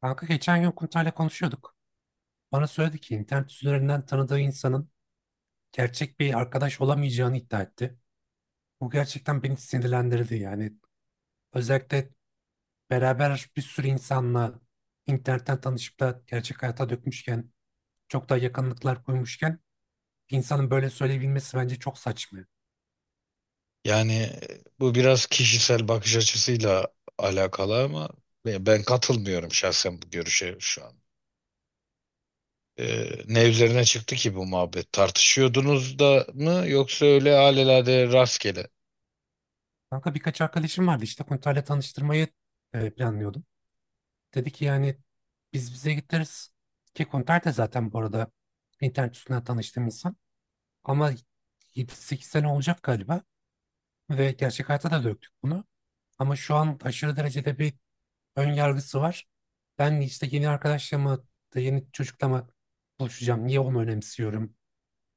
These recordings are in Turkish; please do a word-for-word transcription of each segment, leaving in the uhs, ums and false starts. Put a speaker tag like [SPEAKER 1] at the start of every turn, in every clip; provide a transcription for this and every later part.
[SPEAKER 1] Kanka geçen gün Kurtay'la konuşuyorduk. Bana söyledi ki internet üzerinden tanıdığı insanın gerçek bir arkadaş olamayacağını iddia etti. Bu gerçekten beni sinirlendirdi yani. Özellikle beraber bir sürü insanla internetten tanışıp da gerçek hayata dökmüşken, çok daha yakınlıklar kurmuşken bir insanın böyle söyleyebilmesi bence çok saçma.
[SPEAKER 2] Yani e, bu biraz kişisel bakış açısıyla alakalı ama e, ben katılmıyorum şahsen bu görüşe şu an. E, ne üzerine çıktı ki bu muhabbet? Tartışıyordunuz da mı yoksa öyle alelade rastgele?
[SPEAKER 1] Kanka birkaç arkadaşım vardı işte Kurtay'la tanıştırmayı e, planlıyordum. Dedi ki yani biz bize gideriz ki Kurtay da zaten bu arada internet üstünden tanıştığım insan. Ama yedi sekiz sene olacak galiba ve gerçek hayata da döktük bunu. Ama şu an aşırı derecede bir ön yargısı var. Ben işte yeni arkadaşla mı, yeni çocukla mı buluşacağım? Niye onu önemsiyorum?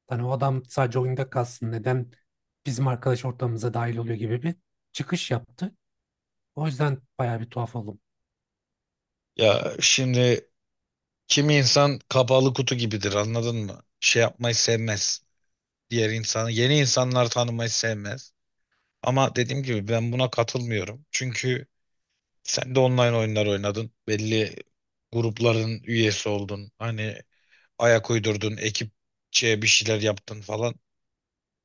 [SPEAKER 1] Hani o adam sadece oyunda kalsın. Neden bizim arkadaş ortamımıza dahil oluyor gibi bir çıkış yaptı. O yüzden bayağı bir tuhaf oldum.
[SPEAKER 2] Ya şimdi kimi insan kapalı kutu gibidir, anladın mı? Şey yapmayı sevmez. Diğer insanı, yeni insanlar tanımayı sevmez. Ama dediğim gibi ben buna katılmıyorum. Çünkü sen de online oyunlar oynadın. Belli grupların üyesi oldun. Hani ayak uydurdun, ekipçe bir şeyler yaptın falan.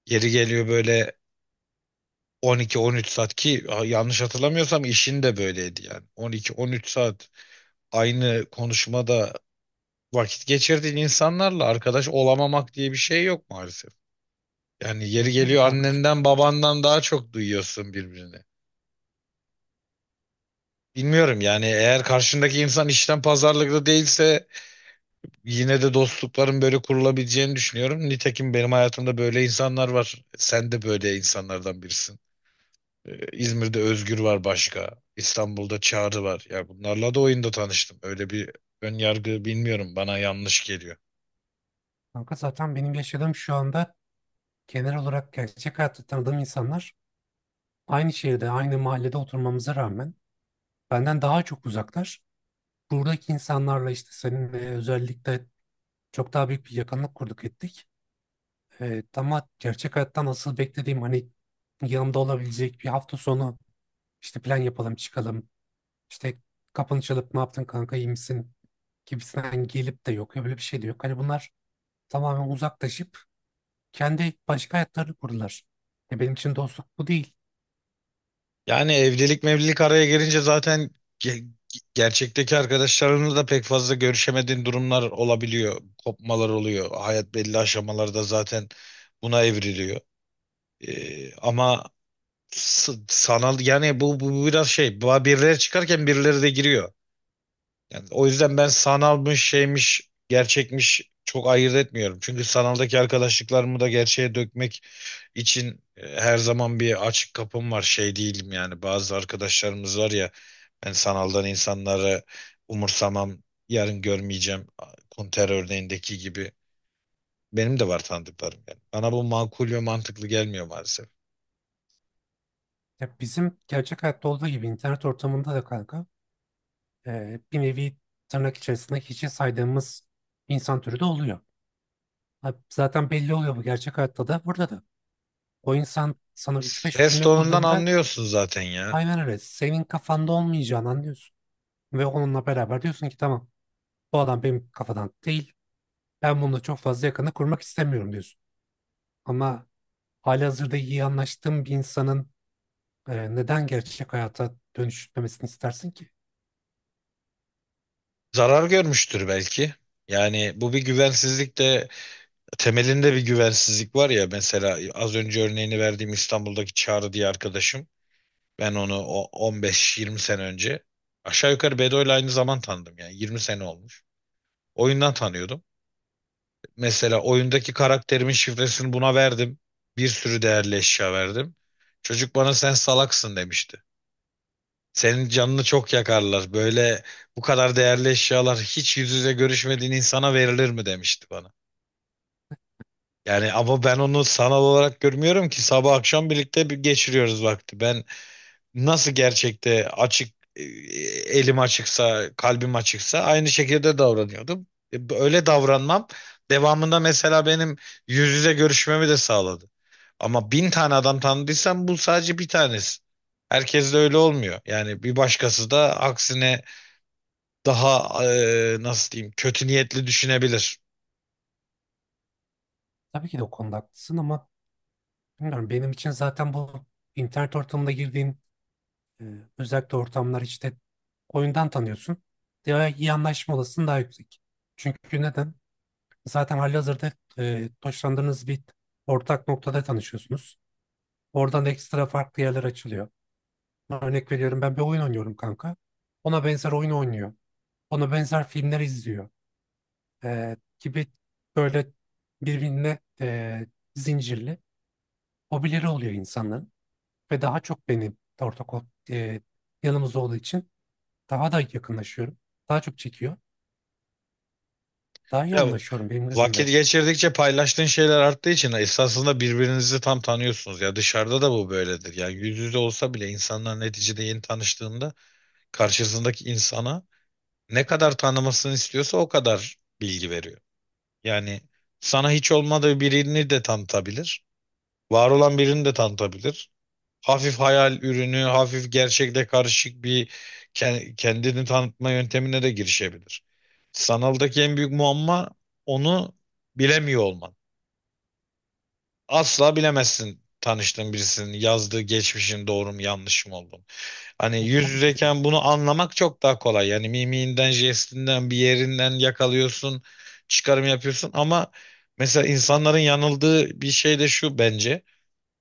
[SPEAKER 2] Yeri geliyor böyle on iki on üç saat, ki a- yanlış hatırlamıyorsam işin de böyleydi yani. on iki on üç saat aynı konuşmada vakit geçirdiğin insanlarla arkadaş olamamak diye bir şey yok maalesef. Yani yeri
[SPEAKER 1] Aynen öyle
[SPEAKER 2] geliyor
[SPEAKER 1] kankacığım.
[SPEAKER 2] annenden babandan daha çok duyuyorsun birbirini. Bilmiyorum yani, eğer karşındaki insan işten pazarlıklı değilse yine de dostlukların böyle kurulabileceğini düşünüyorum. Nitekim benim hayatımda böyle insanlar var. Sen de böyle insanlardan birisin. Ee, İzmir'de Özgür var başka. İstanbul'da Çağrı var. Ya bunlarla da oyunda tanıştım. Öyle bir ön yargı bilmiyorum. Bana yanlış geliyor.
[SPEAKER 1] Kanka zaten benim yaşadığım şu anda genel olarak gerçek hayatta tanıdığım insanlar aynı şehirde, aynı mahallede oturmamıza rağmen benden daha çok uzaklar. Buradaki insanlarla işte seninle özellikle çok daha büyük bir yakınlık kurduk ettik. Ee, ama gerçek hayattan asıl beklediğim hani yanımda olabilecek bir hafta sonu işte plan yapalım çıkalım. İşte kapını çalıp ne yaptın kanka iyi misin gibisinden gelip de yok. Öyle bir şey de yok. Hani bunlar tamamen uzaklaşıp kendi başka hayatlarını kurdular. Ya benim için dostluk bu değil.
[SPEAKER 2] Yani evlilik mevlilik araya gelince zaten ge- gerçekteki arkadaşlarınla da pek fazla görüşemediğin durumlar olabiliyor. Kopmalar oluyor. Hayat belli aşamalarda zaten buna evriliyor. Ee, ama s- sanal yani bu, bu biraz şey bu- birileri çıkarken birileri de giriyor. Yani o yüzden ben sanalmış şeymiş gerçekmiş çok ayırt etmiyorum. Çünkü sanaldaki arkadaşlıklarımı da gerçeğe dökmek için e, her zaman bir açık kapım var, şey değilim yani, bazı arkadaşlarımız var ya, ben sanaldan insanları umursamam, yarın görmeyeceğim konter örneğindeki gibi benim de var tanıdıklarım yani. Bana bu makul ve mantıklı gelmiyor maalesef.
[SPEAKER 1] Ya bizim gerçek hayatta olduğu gibi internet ortamında da kanka e, bir nevi tırnak içerisinde hiçe saydığımız insan türü de oluyor. Ha, zaten belli oluyor bu gerçek hayatta da burada da. O insan sana üç beş
[SPEAKER 2] Ses
[SPEAKER 1] cümle
[SPEAKER 2] tonundan
[SPEAKER 1] kurduğunda
[SPEAKER 2] anlıyorsun zaten ya.
[SPEAKER 1] aynen öyle senin kafanda olmayacağını anlıyorsun. Ve onunla beraber diyorsun ki tamam bu adam benim kafadan değil. Ben bununla çok fazla yakını kurmak istemiyorum diyorsun. Ama halihazırda iyi anlaştığın bir insanın e, neden gerçek hayata dönüştürmemesini istersin ki?
[SPEAKER 2] Zarar görmüştür belki. Yani bu bir güvensizlik de, temelinde bir güvensizlik var ya. Mesela az önce örneğini verdiğim İstanbul'daki Çağrı diye arkadaşım, ben onu o on beş yirmi sene önce aşağı yukarı Bedo'yla aynı zaman tanıdım, yani yirmi sene olmuş. Oyundan tanıyordum. Mesela oyundaki karakterimin şifresini buna verdim. Bir sürü değerli eşya verdim. Çocuk bana sen salaksın demişti. Senin canını çok yakarlar. Böyle bu kadar değerli eşyalar hiç yüz yüze görüşmediğin insana verilir mi demişti bana. Yani ama ben onu sanal olarak görmüyorum ki, sabah akşam birlikte bir geçiriyoruz vakti. Ben nasıl gerçekte açık e, elim açıksa, kalbim açıksa aynı şekilde davranıyordum. E, Öyle davranmam devamında mesela benim yüz yüze görüşmemi de sağladı. Ama bin tane adam tanıdıysam bu sadece bir tanesi. Herkes de öyle olmuyor. Yani bir başkası da aksine daha e, nasıl diyeyim, kötü niyetli düşünebilir.
[SPEAKER 1] Tabii ki de o konuda haklısın ama bilmiyorum benim için zaten bu internet ortamında girdiğim Ee, özellikle ortamlar işte oyundan tanıyorsun. Daha iyi anlaşma olasılığın daha yüksek. Çünkü neden? Zaten halihazırda e, hoşlandığınız bir ortak noktada tanışıyorsunuz. Oradan da ekstra farklı yerler açılıyor. Örnek veriyorum ben bir oyun oynuyorum kanka. Ona benzer oyun oynuyor. Ona benzer filmler izliyor. Ee, gibi böyle birbirine e, zincirli hobileri oluyor insanların. Ve daha çok benim ortak o- e, yanımız olduğu için daha da yakınlaşıyorum. Daha çok çekiyor. Daha iyi
[SPEAKER 2] Ya
[SPEAKER 1] anlaşıyorum benim
[SPEAKER 2] vakit
[SPEAKER 1] gözümde.
[SPEAKER 2] geçirdikçe paylaştığın şeyler arttığı için esasında birbirinizi tam tanıyorsunuz. Ya dışarıda da bu böyledir. Yani yüz yüze olsa bile insanlar neticede yeni tanıştığında karşısındaki insana ne kadar tanımasını istiyorsa o kadar bilgi veriyor. Yani sana hiç olmadığı birini de tanıtabilir. Var olan birini de tanıtabilir. Hafif hayal ürünü, hafif gerçekle karışık bir ke- kendini tanıtma yöntemine de girişebilir. Sanaldaki en büyük muamma onu bilemiyor olman. Asla bilemezsin tanıştığın birisinin yazdığı geçmişin doğru mu yanlış mı olduğunu. Hani
[SPEAKER 1] Ya,
[SPEAKER 2] yüz
[SPEAKER 1] tabii ki de öyle.
[SPEAKER 2] yüzeyken bunu anlamak çok daha kolay. Yani mimiğinden, jestinden, bir yerinden yakalıyorsun, çıkarım yapıyorsun. Ama mesela insanların yanıldığı bir şey de şu bence.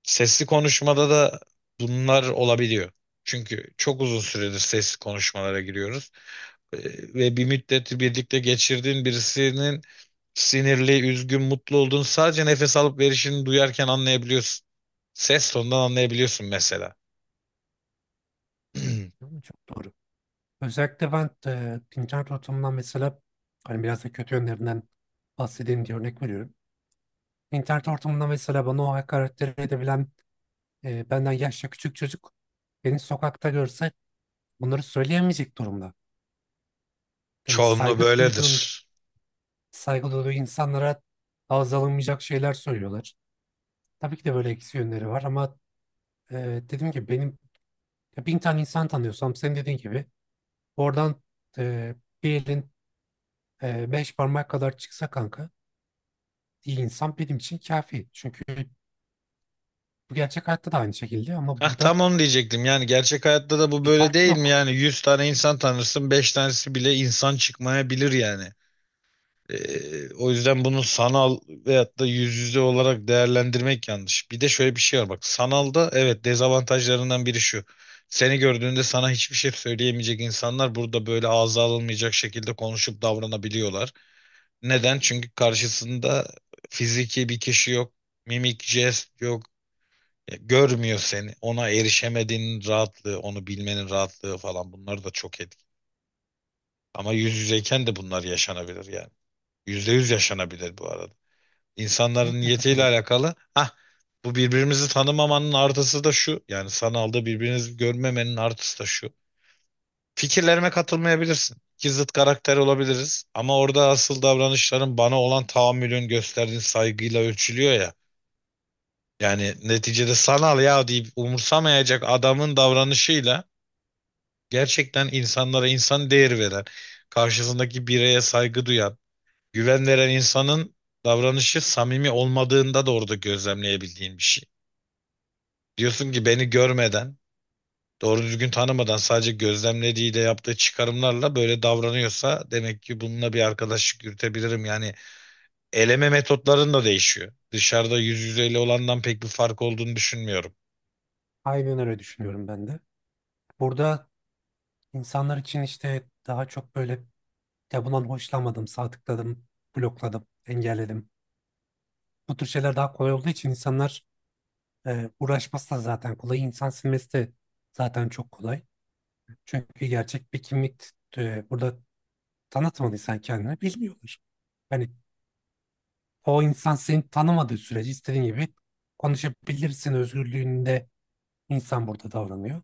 [SPEAKER 2] Sesli konuşmada da bunlar olabiliyor. Çünkü çok uzun süredir sesli konuşmalara giriyoruz. Ee, Ve bir müddet birlikte geçirdiğin birisinin sinirli, üzgün, mutlu olduğunu sadece nefes alıp verişini duyarken anlayabiliyorsun. Ses tonundan anlayabiliyorsun mesela.
[SPEAKER 1] Yani çok doğru. Özellikle ben e, internet ortamından mesela hani biraz da kötü yönlerinden bahsedeyim diye örnek veriyorum. İnternet ortamında mesela bana o hakaretleri edebilen e, benden yaşça küçük çocuk beni sokakta görse bunları söyleyemeyecek durumda. Yani
[SPEAKER 2] Çoğunluğu
[SPEAKER 1] saygı duyduğun,
[SPEAKER 2] böyledir.
[SPEAKER 1] saygı duyduğu insanlara ağız alınmayacak şeyler söylüyorlar. Tabii ki de böyle eksi yönleri var ama e, dediğim gibi benim ya bin tane insan tanıyorsam senin dediğin gibi oradan e, bir elin e, beş parmak kadar çıksa kanka iyi insan benim için kafi. Çünkü bu gerçek hayatta da aynı şekilde ama
[SPEAKER 2] Hah,
[SPEAKER 1] burada
[SPEAKER 2] tam onu diyecektim. Yani gerçek hayatta da bu
[SPEAKER 1] bir
[SPEAKER 2] böyle
[SPEAKER 1] fark
[SPEAKER 2] değil mi?
[SPEAKER 1] yok.
[SPEAKER 2] Yani yüz tane insan tanırsın, beş tanesi bile insan çıkmayabilir yani. Ee, o yüzden bunu sanal veyahut da yüz yüze olarak değerlendirmek yanlış. Bir de şöyle bir şey var bak, sanalda evet, dezavantajlarından biri şu. Seni gördüğünde sana hiçbir şey söyleyemeyecek insanlar burada böyle ağza alınmayacak şekilde konuşup davranabiliyorlar. Neden? Çünkü karşısında fiziki bir kişi yok, mimik, jest yok. Ya, görmüyor seni. Ona erişemediğinin rahatlığı, onu bilmenin rahatlığı falan, bunlar da çok etki. Ama yüz yüzeyken de bunlar yaşanabilir yani. Yüzde yüz yaşanabilir bu arada. İnsanların
[SPEAKER 1] Kesinlikle
[SPEAKER 2] niyetiyle
[SPEAKER 1] katılıyorum.
[SPEAKER 2] alakalı. Hah, bu birbirimizi tanımamanın artısı da şu. Yani sanalda birbirinizi görmemenin artısı da şu. Fikirlerime katılmayabilirsin. İki zıt karakter olabiliriz. Ama orada asıl davranışların bana olan tahammülün gösterdiğin saygıyla ölçülüyor ya. Yani neticede sanal ya deyip umursamayacak adamın davranışıyla gerçekten insanlara insan değeri veren, karşısındaki bireye saygı duyan, güven veren insanın davranışı samimi olmadığında da orada gözlemleyebildiğin bir şey. Diyorsun ki beni görmeden, doğru düzgün tanımadan sadece gözlemlediğiyle yaptığı çıkarımlarla böyle davranıyorsa, demek ki bununla bir arkadaşlık yürütebilirim. Yani eleme metotların da değişiyor. Dışarıda yüz yüzeyle olandan pek bir fark olduğunu düşünmüyorum.
[SPEAKER 1] Aynen öyle düşünüyorum ben de. Burada insanlar için işte daha çok böyle ya bundan hoşlanmadım, sağ tıkladım, blokladım, engelledim. Bu tür şeyler daha kolay olduğu için insanlar e, uğraşması da zaten kolay. İnsan silmesi de zaten çok kolay. Çünkü gerçek bir kimlik e, burada tanıtmadıysan kendini bilmiyorlar. Yani o insan seni tanımadığı sürece istediğin gibi konuşabilirsin özgürlüğünde insan burada davranıyor.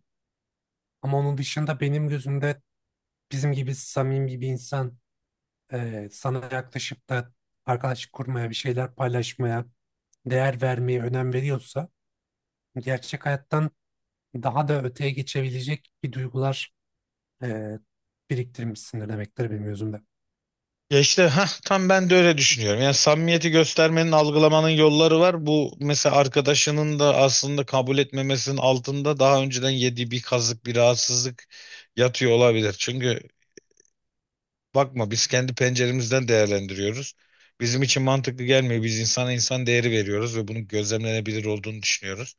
[SPEAKER 1] Ama onun dışında benim gözümde bizim gibi samimi bir insan e, sana yaklaşıp da arkadaşlık kurmaya, bir şeyler paylaşmaya, değer vermeye önem veriyorsa gerçek hayattan daha da öteye geçebilecek bir duygular e, biriktirmişsindir demektir bir mevzumda.
[SPEAKER 2] Ya işte hah, tam ben de öyle düşünüyorum. Yani samimiyeti göstermenin, algılamanın yolları var. Bu mesela arkadaşının da aslında kabul etmemesinin altında daha önceden yediği bir kazık, bir rahatsızlık yatıyor olabilir. Çünkü bakma, biz kendi penceremizden değerlendiriyoruz. Bizim için mantıklı gelmiyor. Biz insana insan değeri veriyoruz ve bunun gözlemlenebilir olduğunu düşünüyoruz.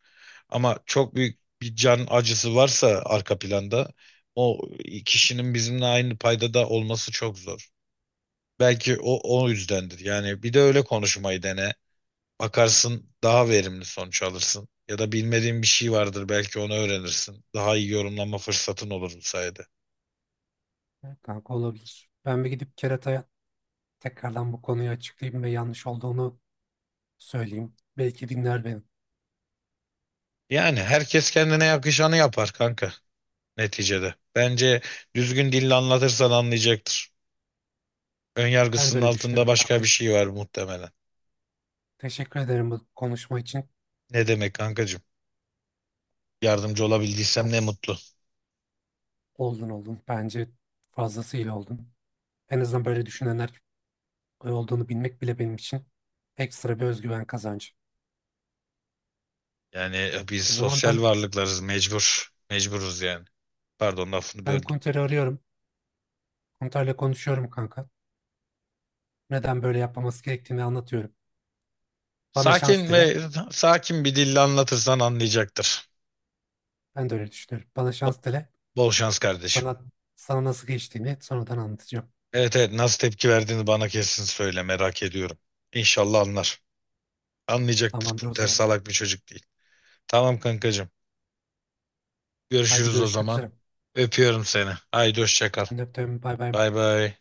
[SPEAKER 2] Ama çok büyük bir can acısı varsa arka planda, o kişinin bizimle aynı paydada olması çok zor. Belki o o yüzdendir. Yani bir de öyle konuşmayı dene. Bakarsın daha verimli sonuç alırsın. Ya da bilmediğin bir şey vardır, belki onu öğrenirsin. Daha iyi yorumlama fırsatın olur bu sayede.
[SPEAKER 1] Evet. Kanka olabilir. Ben bir gidip Kerata'ya tekrardan bu konuyu açıklayayım ve yanlış olduğunu söyleyeyim. Belki dinler beni.
[SPEAKER 2] Yani herkes kendine yakışanı yapar kanka, neticede. Bence düzgün dille anlatırsan anlayacaktır.
[SPEAKER 1] Ben de
[SPEAKER 2] Önyargısının
[SPEAKER 1] öyle
[SPEAKER 2] altında
[SPEAKER 1] düşünüyorum
[SPEAKER 2] başka bir
[SPEAKER 1] kankacığım.
[SPEAKER 2] şey var muhtemelen.
[SPEAKER 1] Teşekkür ederim bu konuşma için.
[SPEAKER 2] Ne demek kankacığım? Yardımcı
[SPEAKER 1] Ben
[SPEAKER 2] olabildiysem ne mutlu.
[SPEAKER 1] oldun oldun. Bence fazlasıyla oldun. En azından böyle düşünenler olduğunu bilmek bile benim için ekstra bir özgüven kazancı.
[SPEAKER 2] Yani e, biz
[SPEAKER 1] O zaman
[SPEAKER 2] sosyal
[SPEAKER 1] ben
[SPEAKER 2] varlıklarız, mecbur. Mecburuz yani. Pardon, lafını
[SPEAKER 1] ben
[SPEAKER 2] böldüm.
[SPEAKER 1] Kunter'i arıyorum. Kunter'le konuşuyorum kanka. Neden böyle yapmaması gerektiğini anlatıyorum. Bana şans
[SPEAKER 2] Sakin
[SPEAKER 1] dile.
[SPEAKER 2] ve sakin bir dille anlatırsan anlayacaktır.
[SPEAKER 1] Ben de öyle düşünüyorum. Bana şans dile.
[SPEAKER 2] Bol şans kardeşim.
[SPEAKER 1] Sana sana nasıl geçtiğini sonradan anlatacağım.
[SPEAKER 2] Evet evet, nasıl tepki verdiğini bana kesin söyle, merak ediyorum. İnşallah anlar. Anlayacaktır.
[SPEAKER 1] Tamamdır o
[SPEAKER 2] Kurter
[SPEAKER 1] zaman.
[SPEAKER 2] salak bir çocuk değil. Tamam kankacığım.
[SPEAKER 1] Haydi
[SPEAKER 2] Görüşürüz o
[SPEAKER 1] görüşmek
[SPEAKER 2] zaman.
[SPEAKER 1] üzere.
[SPEAKER 2] Öpüyorum seni. Haydi hoşça kal.
[SPEAKER 1] Ben de öptüm. Bay bay.
[SPEAKER 2] Bay bay.